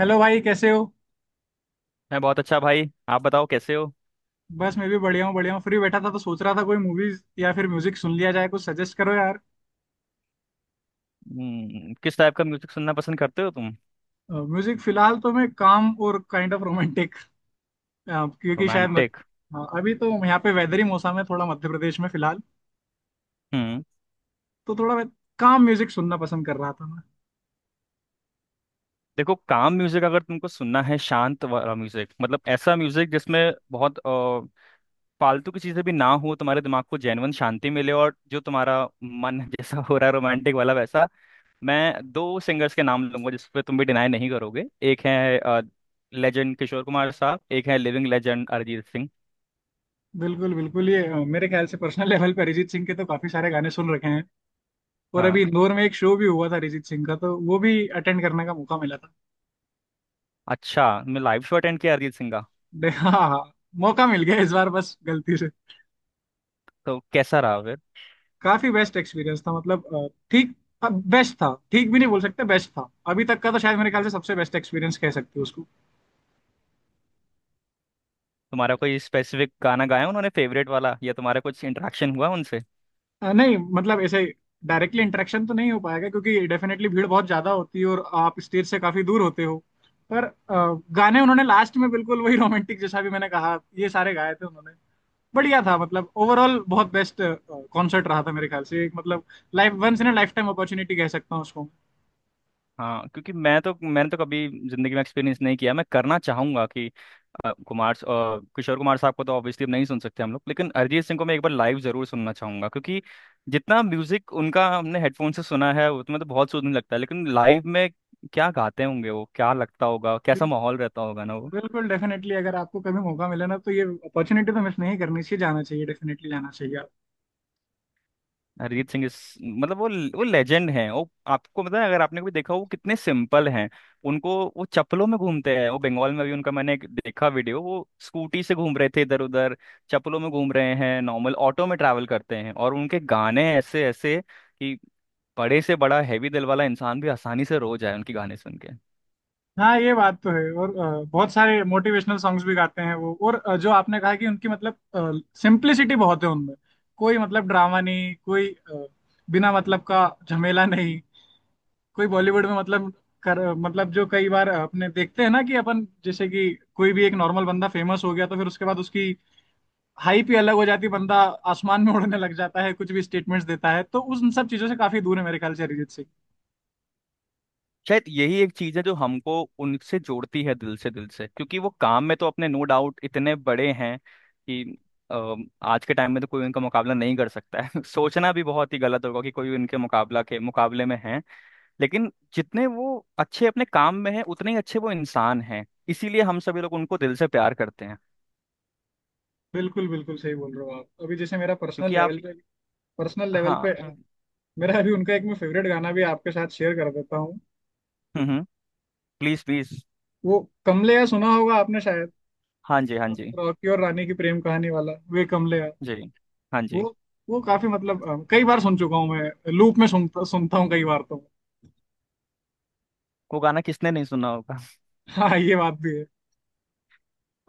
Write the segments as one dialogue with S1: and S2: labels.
S1: Hello भाई कैसे हो।
S2: मैं बहुत अच्छा भाई। आप बताओ कैसे हो?
S1: बस मैं भी बढ़िया हूँ फ्री बैठा था तो सोच रहा था कोई मूवीज या फिर म्यूजिक सुन लिया जाए, कुछ सजेस्ट करो यार।
S2: किस टाइप का म्यूजिक सुनना पसंद करते हो तुम?
S1: म्यूजिक फिलहाल तो मैं काम और काइंड ऑफ रोमांटिक, क्योंकि शायद मत,
S2: रोमांटिक।
S1: हाँ, अभी तो यहाँ पे वेदर ही मौसम है थोड़ा, मध्य प्रदेश में फिलहाल।
S2: हम्म।
S1: तो थोड़ा मैं काम म्यूजिक सुनना पसंद कर रहा था मैं।
S2: देखो, काम म्यूजिक अगर तुमको सुनना है, शांत वाला म्यूजिक, मतलब ऐसा म्यूजिक जिसमें बहुत फालतू की चीजें भी ना हो, तुम्हारे दिमाग को जेन्युइन शांति मिले, और जो तुम्हारा मन जैसा हो रहा है रोमांटिक वाला वैसा। मैं दो सिंगर्स के नाम लूंगा जिस पे तुम भी डिनाई नहीं करोगे। एक है लेजेंड किशोर कुमार साहब, एक है लिविंग लेजेंड अरिजीत सिंह।
S1: बिल्कुल बिल्कुल, ये मेरे ख्याल से पर्सनल लेवल पर अरिजीत सिंह के तो काफी सारे गाने सुन रखे हैं। और अभी
S2: हाँ,
S1: इंदौर में एक शो भी हुआ था अरिजीत सिंह का, तो वो भी अटेंड करने का मौका मिला था।
S2: अच्छा, मैं लाइव शो अटेंड किया अरिजीत सिंह का।
S1: हाँ हाँ, मौका मिल गया इस बार, बस गलती से।
S2: तो कैसा रहा?
S1: काफी बेस्ट एक्सपीरियंस था, मतलब ठीक बेस्ट था, ठीक भी नहीं बोल सकते, बेस्ट था अभी तक का तो, शायद मेरे ख्याल से सबसे बेस्ट एक्सपीरियंस कह सकते हो उसको।
S2: तुम्हारा कोई स्पेसिफिक गाना गाया उन्होंने फेवरेट वाला, या तुम्हारा कुछ इंटरेक्शन हुआ उनसे?
S1: नहीं, मतलब ऐसे डायरेक्टली इंटरेक्शन तो नहीं हो पाएगा क्योंकि डेफिनेटली भीड़ बहुत ज्यादा होती है और आप स्टेज से काफी दूर होते हो। पर गाने उन्होंने लास्ट में बिल्कुल वही रोमांटिक, जैसा भी मैंने कहा, ये सारे गाए थे उन्होंने। बढ़िया था, मतलब ओवरऑल बहुत बेस्ट कॉन्सर्ट रहा था मेरे ख्याल से, एक मतलब life once in lifetime opportunity कह सकता हूँ उसको।
S2: हाँ, क्योंकि मैं तो, मैंने तो कभी जिंदगी में एक्सपीरियंस नहीं किया। मैं करना चाहूंगा कि कुमार किशोर कुमार साहब को तो ऑब्वियसली अब नहीं सुन सकते हम लोग, लेकिन अरिजीत सिंह को मैं एक बार लाइव जरूर सुनना चाहूंगा, क्योंकि जितना म्यूजिक उनका हमने हेडफोन से सुना है उसमें तो बहुत सुकून लगता है, लेकिन लाइव में क्या गाते होंगे वो, क्या लगता होगा, कैसा माहौल रहता होगा ना वो।
S1: बिल्कुल डेफिनेटली, अगर आपको कभी मौका मिले ना तो ये अपॉर्चुनिटी तो मिस नहीं करनी चाहिए, जाना चाहिए, डेफिनेटली जाना चाहिए आप।
S2: अरिजीत सिंह इस मतलब वो लेजेंड हैं। वो, आपको पता है, अगर आपने कभी देखा हो, वो कितने सिंपल हैं। उनको, वो चप्पलों में घूमते हैं, वो बंगाल में भी उनका मैंने एक देखा वीडियो, वो स्कूटी से घूम रहे थे इधर उधर, चप्पलों में घूम रहे हैं, नॉर्मल ऑटो में ट्रैवल करते हैं, और उनके गाने ऐसे ऐसे कि बड़े से बड़ा हैवी दिल वाला इंसान भी आसानी से रो जाए उनके गाने सुन के।
S1: हाँ ये बात तो है, और बहुत सारे मोटिवेशनल सॉन्ग्स भी गाते हैं वो, और जो आपने कहा कि उनकी मतलब सिंप्लिसिटी बहुत है उनमें, कोई मतलब ड्रामा नहीं, बिना मतलब का झमेला नहीं, कोई बॉलीवुड में मतलब कर मतलब, जो कई बार अपने देखते हैं ना कि अपन जैसे कि कोई भी एक नॉर्मल बंदा फेमस हो गया तो फिर उसके बाद उसकी हाइप ही अलग हो जाती है, बंदा आसमान में उड़ने लग जाता है, कुछ भी स्टेटमेंट्स देता है, तो उस उन सब चीजों से काफी दूर है मेरे ख्याल से अरिजीत सिंह।
S2: शायद यही एक चीज है जो हमको उनसे जोड़ती है, दिल से, दिल से, क्योंकि वो काम में तो अपने नो डाउट इतने बड़े हैं कि आज के टाइम में तो कोई उनका मुकाबला नहीं कर सकता है। सोचना भी बहुत ही गलत होगा कि कोई उनके मुकाबला के मुकाबले में है। लेकिन जितने वो अच्छे अपने काम में है, उतने ही अच्छे वो इंसान हैं, इसीलिए हम सभी लोग उनको दिल से प्यार करते हैं।
S1: बिल्कुल बिल्कुल सही बोल रहे हो आप। अभी जैसे मेरा
S2: क्योंकि आप
S1: पर्सनल लेवल
S2: हाँ।
S1: पे मेरा अभी उनका एक मैं फेवरेट गाना भी आपके साथ शेयर कर देता हूँ।
S2: हम्म। Please please.
S1: वो कमलेया सुना होगा आपने शायद,
S2: हाँ जी, हाँ जी।
S1: रॉकी और रानी की प्रेम कहानी वाला, वे कमलेया।
S2: जी, हाँ
S1: वो
S2: जी।
S1: वो काफी मतलब कई बार सुन चुका हूँ मैं, लूप में सुनता सुनता हूँ कई बार तो।
S2: वो गाना किसने नहीं सुना होगा?
S1: हाँ ये बात भी है।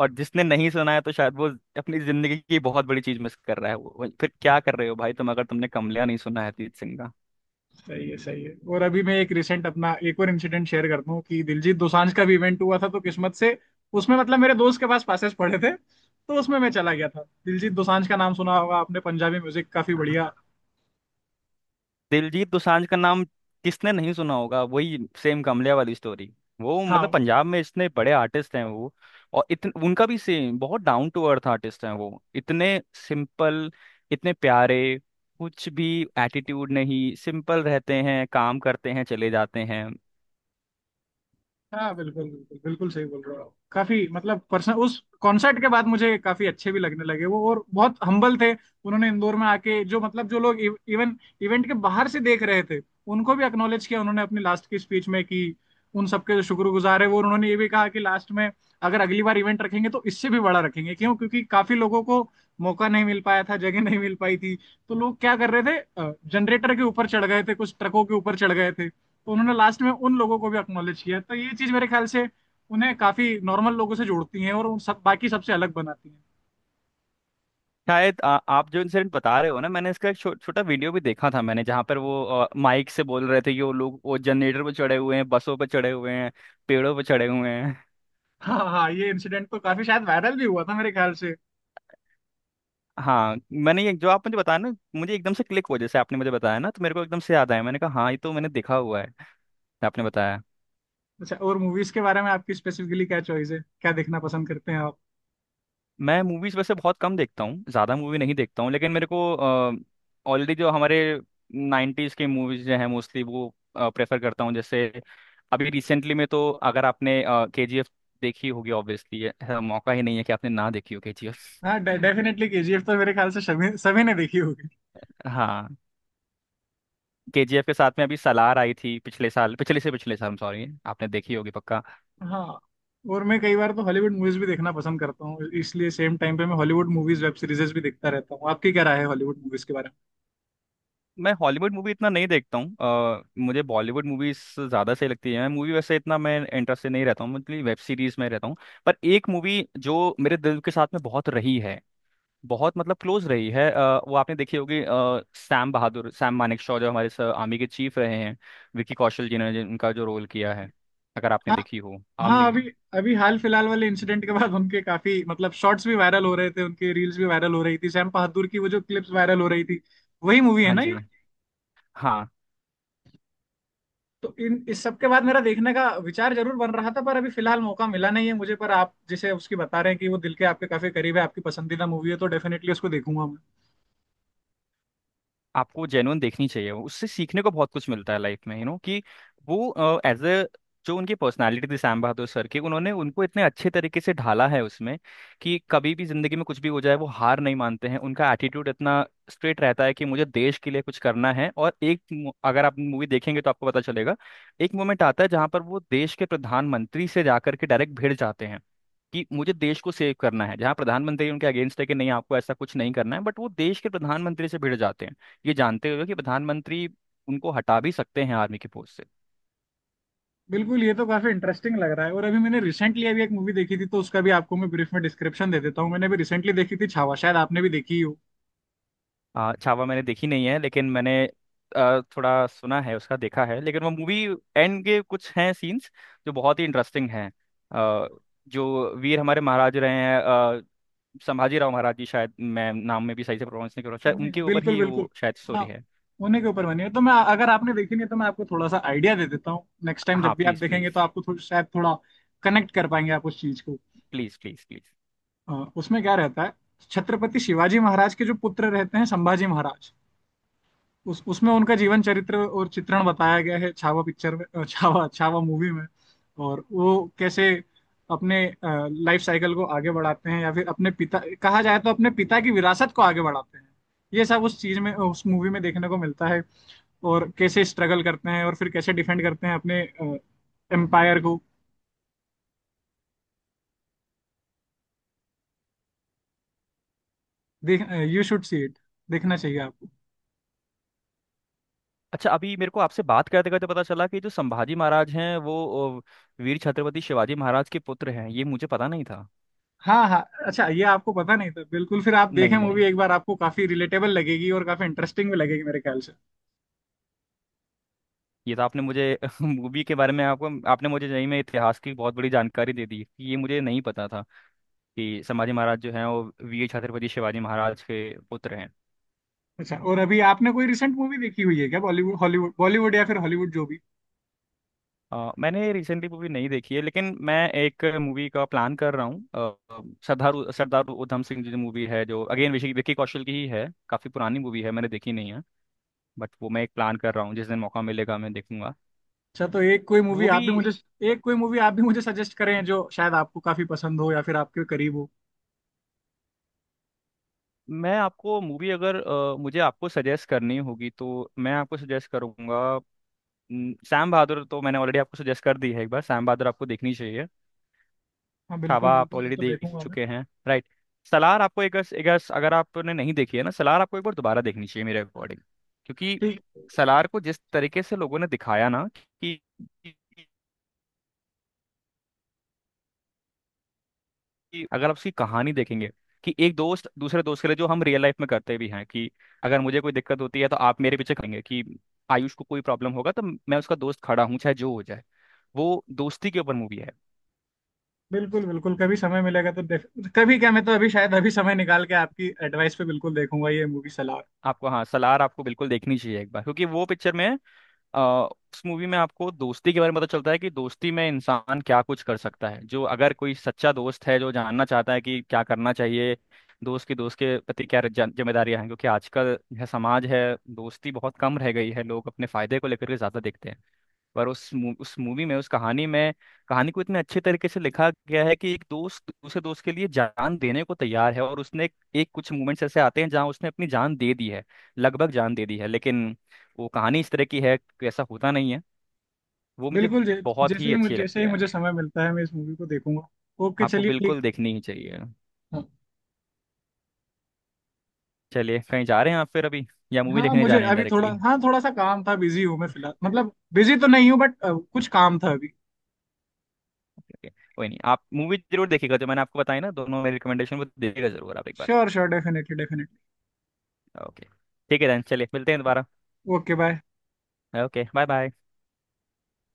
S2: और जिसने नहीं सुना है तो शायद वो अपनी जिंदगी की बहुत बड़ी चीज मिस कर रहा है। फिर क्या कर रहे हो भाई तुम, अगर तुमने कमलिया नहीं सुना है अरिजीत सिंह का।
S1: सही है सही है। और अभी मैं एक रिसेंट अपना एक और इंसिडेंट शेयर करता हूँ कि दिलजीत दोसांझ का भी इवेंट हुआ था, तो किस्मत से उसमें मतलब मेरे दोस्त के पास पासेस पड़े थे तो उसमें मैं चला गया था। दिलजीत दोसांझ का नाम सुना होगा आपने, पंजाबी म्यूजिक काफी
S2: हाँ।
S1: बढ़िया।
S2: दिलजीत दोसांझ का नाम किसने नहीं सुना होगा? वही सेम कमलिया वाली स्टोरी। वो मतलब
S1: हाँ
S2: पंजाब में इतने बड़े आर्टिस्ट हैं वो। और इतन उनका भी सेम, बहुत डाउन टू अर्थ आर्टिस्ट हैं वो, इतने सिंपल, इतने प्यारे, कुछ भी एटीट्यूड नहीं, सिंपल रहते हैं, काम करते हैं, चले जाते हैं।
S1: हाँ बिल्कुल बिल्कुल बिल्कुल सही बोल रहे हो आप। काफी मतलब पर्सन उस कॉन्सर्ट के बाद मुझे काफी अच्छे भी लगने लगे वो, और बहुत हम्बल थे। उन्होंने इंदौर में आके जो मतलब जो लोग इवन इवेंट के बाहर से देख रहे थे, उनको भी एक्नॉलेज किया उन्होंने अपनी लास्ट की स्पीच में, कि उन सबके जो शुक्रगुजार है वो, और उन्होंने ये भी कहा कि लास्ट में अगर अगली बार इवेंट रखेंगे तो इससे भी बड़ा रखेंगे, क्योंकि काफी लोगों को मौका नहीं मिल पाया था, जगह नहीं मिल पाई थी। तो लोग क्या कर रहे थे, जनरेटर के ऊपर चढ़ गए थे, कुछ ट्रकों के ऊपर चढ़ गए थे। तो उन्होंने लास्ट में उन लोगों को भी अक्नॉलेज किया, तो ये चीज मेरे ख्याल से उन्हें काफी नॉर्मल लोगों से जोड़ती है, और उन सब बाकी सबसे अलग बनाती है।
S2: शायद आप जो इंसिडेंट बता रहे हो ना, मैंने इसका एक छोटा वीडियो भी देखा था, मैंने जहाँ पर वो माइक से बोल रहे थे कि वो लोग वो जनरेटर पे चढ़े हुए हैं, बसों पे चढ़े हुए हैं, पेड़ों पे चढ़े हुए हैं।
S1: हाँ हाँ हाँ, ये इंसिडेंट तो काफी शायद वायरल भी हुआ था मेरे ख्याल से।
S2: हाँ, मैंने ये जो आप मुझे बताया ना, मुझे एकदम से क्लिक हो, जैसे आपने मुझे बताया ना तो मेरे को एकदम से याद आया, मैंने कहा हाँ ये तो मैंने देखा हुआ है, आपने बताया।
S1: अच्छा, और मूवीज के बारे में आपकी स्पेसिफिकली क्या चॉइस है, क्या देखना पसंद करते हैं आप?
S2: मैं मूवीज वैसे बहुत कम देखता हूँ, ज़्यादा मूवी नहीं देखता हूँ, लेकिन मेरे को ऑलरेडी जो हमारे 90s के मूवीज जो हैं मोस्टली वो प्रेफर करता हूँ। जैसे अभी रिसेंटली में तो, अगर आपने के जी एफ देखी होगी, ऑब्वियसली, मौका ही नहीं है कि आपने ना देखी हो के जी एफ।
S1: हाँ डेफिनेटली केजीएफ तो मेरे ख्याल से सभी सभी ने देखी होगी।
S2: हाँ, के जी एफ के साथ में अभी सलार आई थी पिछले साल, पिछले से पिछले साल सॉरी, आपने देखी होगी पक्का।
S1: हाँ, और मैं कई बार तो हॉलीवुड मूवीज भी देखना पसंद करता हूँ, इसलिए सेम टाइम पे मैं हॉलीवुड मूवीज वेब सीरीजेस भी देखता रहता हूँ। आपकी क्या राय है हॉलीवुड मूवीज के बारे
S2: मैं हॉलीवुड मूवी इतना नहीं देखता हूँ। मुझे बॉलीवुड मूवीज ज़्यादा सही लगती है। मैं मूवी वैसे इतना मैं इंटरेस्टेड नहीं रहता हूँ, मतलब वेब सीरीज में रहता हूँ। पर एक मूवी जो मेरे दिल के साथ में बहुत रही है, बहुत मतलब क्लोज रही है, वो आपने देखी होगी, सैम बहादुर। सैम मानेकशॉ जो हमारे आर्मी के चीफ रहे हैं, विकी कौशल जी ने जिनका जो रोल किया है, अगर आपने
S1: में?
S2: देखी हो
S1: हाँ
S2: आर्मी।
S1: अभी, अभी हाल फिलहाल वाले इंसिडेंट के बाद उनके काफी मतलब शॉर्ट्स भी वायरल हो रहे थे, उनके रील्स भी वायरल हो रही थी, सैम बहादुर की वो जो क्लिप्स वायरल हो रही थी, वही मूवी है
S2: हाँ
S1: ना ये?
S2: जी। हाँ।
S1: तो इन इस सब के बाद मेरा देखने का विचार जरूर बन रहा था, पर अभी फिलहाल मौका मिला नहीं है मुझे। पर आप जैसे उसकी बता रहे हैं कि वो दिल के आपके काफी करीब है, आपकी पसंदीदा मूवी है, तो डेफिनेटली उसको देखूंगा मैं।
S2: आपको जेन्युइन देखनी चाहिए, उससे सीखने को बहुत कुछ मिलता है लाइफ में, यू नो कि वो एज ए, जो उनकी पर्सनालिटी थी श्याम बहादुर सर की, उन्होंने उनको इतने अच्छे तरीके से ढाला है उसमें कि कभी भी जिंदगी में कुछ भी हो जाए वो हार नहीं मानते हैं। उनका एटीट्यूड इतना स्ट्रेट रहता है कि मुझे देश के लिए कुछ करना है, और अगर आप मूवी देखेंगे तो आपको पता चलेगा एक मोमेंट आता है जहां पर वो देश के प्रधानमंत्री से जाकर के डायरेक्ट भिड़ जाते हैं कि मुझे देश को सेव करना है, जहाँ प्रधानमंत्री उनके अगेंस्ट है कि नहीं आपको ऐसा कुछ नहीं करना है, बट वो देश के प्रधानमंत्री से भिड़ जाते हैं, ये जानते हुए कि प्रधानमंत्री उनको हटा भी सकते हैं आर्मी की पोस्ट से।
S1: बिल्कुल, ये तो काफी इंटरेस्टिंग लग रहा है। और अभी मैंने रिसेंटली अभी एक मूवी देखी थी, तो उसका भी आपको मैं ब्रीफ में डिस्क्रिप्शन दे देता हूँ। मैंने अभी रिसेंटली देखी थी छावा, शायद आपने भी देखी हो।
S2: छावा मैंने देखी नहीं है, लेकिन मैंने थोड़ा सुना है उसका, देखा है। लेकिन वो मूवी एंड के कुछ हैं सीन्स जो बहुत ही इंटरेस्टिंग हैं, आ, जो वीर हमारे महाराज रहे हैं संभाजी राव महाराज जी, शायद मैं नाम में भी सही से प्रोनाउंस नहीं कर रहा, शायद
S1: नहीं,
S2: उनके ऊपर
S1: बिल्कुल
S2: ही
S1: बिल्कुल।
S2: वो शायद स्टोरी
S1: हाँ,
S2: है।
S1: उन्हीं के ऊपर बनी है। तो मैं, अगर आपने देखी नहीं है, तो मैं आपको थोड़ा सा आइडिया दे देता हूँ, नेक्स्ट टाइम
S2: हाँ।
S1: जब भी आप
S2: प्लीज
S1: देखेंगे
S2: प्लीज
S1: तो आपको थोड़ा शायद थोड़ा कनेक्ट कर पाएंगे आप उस चीज को।
S2: प्लीज। Please please.
S1: उसमें क्या रहता है, छत्रपति शिवाजी महाराज के जो पुत्र रहते हैं संभाजी महाराज, उस उसमें उनका जीवन चरित्र और चित्रण बताया गया है छावा पिक्चर में, अ, छावा छावा मूवी में। और वो कैसे अपने लाइफ साइकिल को आगे बढ़ाते हैं, या फिर अपने पिता कहा जाए तो अपने पिता की विरासत को आगे बढ़ाते हैं, ये सब उस चीज में उस मूवी में देखने को मिलता है। और कैसे स्ट्रगल करते हैं, और फिर कैसे डिफेंड करते हैं अपने एम्पायर को। देख, यू शुड सी इट, देखना चाहिए आपको।
S2: अच्छा, अभी मेरे को आपसे बात करते करते पता चला कि जो संभाजी महाराज हैं वो वीर छत्रपति शिवाजी महाराज के पुत्र हैं, ये मुझे पता नहीं था।
S1: हाँ हाँ। अच्छा ये आपको पता नहीं था? बिल्कुल, फिर आप देखें
S2: नहीं
S1: मूवी
S2: नहीं,
S1: एक बार, आपको काफी रिलेटेबल लगेगी और काफी इंटरेस्टिंग भी लगेगी मेरे ख्याल से।
S2: ये तो आपने मुझे मूवी के बारे में आपको, आपने मुझे, नहीं में इतिहास की बहुत बड़ी जानकारी दे दी, ये मुझे नहीं पता था कि संभाजी महाराज जो हैं वो वीर छत्रपति शिवाजी महाराज के पुत्र हैं।
S1: अच्छा, और अभी आपने कोई रिसेंट मूवी देखी हुई है क्या? बॉलीवुड हॉलीवुड, बॉलीवुड या फिर हॉलीवुड, जो भी।
S2: मैंने रिसेंटली मूवी नहीं देखी है, लेकिन मैं एक मूवी का प्लान कर रहा हूँ, सरदार उधम सिंह। जो मूवी है जो अगेन विकी विकी कौशल की ही है, काफ़ी पुरानी मूवी है, मैंने देखी नहीं है, बट वो मैं एक प्लान कर रहा हूँ, जिस दिन मौका मिलेगा मैं देखूंगा।
S1: अच्छा तो
S2: वो भी
S1: एक कोई मूवी आप भी मुझे सजेस्ट करें, जो शायद आपको काफी पसंद हो या फिर आपके करीब हो।
S2: मैं आपको मूवी, अगर मुझे आपको सजेस्ट करनी होगी तो मैं आपको सजेस्ट करूंगा। न, सैम बहादुर तो मैंने ऑलरेडी आपको सजेस्ट कर दी है, एक बार सैम बहादुर आपको देखनी चाहिए।
S1: हाँ बिल्कुल
S2: छावा आप
S1: बिल्कुल, वो
S2: ऑलरेडी
S1: तो
S2: देख
S1: देखूंगा मैं।
S2: चुके हैं, राइट? सलार आपको एक एक, अगर आपने नहीं देखी है ना, सलार आपको एक बार दोबारा देखनी चाहिए मेरे अकॉर्डिंग। क्योंकि
S1: ठीक।
S2: सलार को जिस तरीके से लोगों ने दिखाया ना, कि कि अगर आप उसकी कहानी देखेंगे कि एक दोस्त दूसरे दोस्त के लिए, जो हम रियल लाइफ में करते भी हैं कि अगर मुझे कोई दिक्कत होती है तो आप मेरे पीछे खड़ेंगे, कि आयुष को कोई प्रॉब्लम होगा तो मैं उसका दोस्त खड़ा हूँ चाहे जो हो जाए। वो दोस्ती के ऊपर मूवी है।
S1: बिल्कुल बिल्कुल, कभी समय मिलेगा तो देख कभी क्या, मैं तो अभी शायद अभी समय निकाल के आपकी एडवाइस पे बिल्कुल देखूंगा ये मूवी, सलाह।
S2: आपको, हाँ, सलार आपको बिल्कुल देखनी चाहिए एक बार। क्योंकि वो पिक्चर में, आ, उस मूवी में आपको दोस्ती के बारे में पता चलता है कि दोस्ती में इंसान क्या कुछ कर सकता है, जो अगर कोई सच्चा दोस्त है जो जानना चाहता है कि क्या करना चाहिए, दोस्त की दोस्त के प्रति क्या जिम्मेदारियां हैं। क्योंकि आजकल यह समाज है, दोस्ती बहुत कम रह गई है, लोग अपने फायदे को लेकर के ज्यादा देखते हैं। पर उस मूवी में, उस कहानी में, कहानी को इतने अच्छे तरीके से लिखा गया है कि एक दोस्त दूसरे दोस्त के लिए जान देने को तैयार है, और उसने एक कुछ मोमेंट्स ऐसे आते हैं जहां उसने अपनी जान दे दी है, लगभग जान दे दी है, लेकिन वो कहानी इस तरह की है कि ऐसा होता नहीं है। वो मुझे
S1: बिल्कुल
S2: बहुत
S1: जैसे
S2: ही
S1: ही मुझे
S2: अच्छी
S1: जैसे
S2: लगती
S1: ही
S2: है।
S1: मुझे समय मिलता है मैं इस मूवी को देखूंगा। ओके
S2: आपको
S1: चलिए, ठीक।
S2: बिल्कुल देखनी ही चाहिए। चलिए, कहीं जा रहे हैं आप फिर अभी, या मूवी
S1: हाँ
S2: देखने जा
S1: मुझे
S2: रहे हैं
S1: अभी थोड़ा
S2: डायरेक्टली?
S1: हाँ थोड़ा सा काम था, बिजी हूँ मैं फिलहाल, मतलब बिजी तो नहीं हूँ बट कुछ काम था अभी।
S2: ओके, कोई नहीं, आप मूवी जरूर देखिएगा, जो मैंने आपको बताई ना दोनों मेरी रिकमेंडेशन, वो देखिएगा जरूर आप एक बार।
S1: Sure sure, definitely definitely.
S2: Okay, ठीक है, देन चलिए मिलते हैं दोबारा।
S1: Okay bye.
S2: Okay bye bye.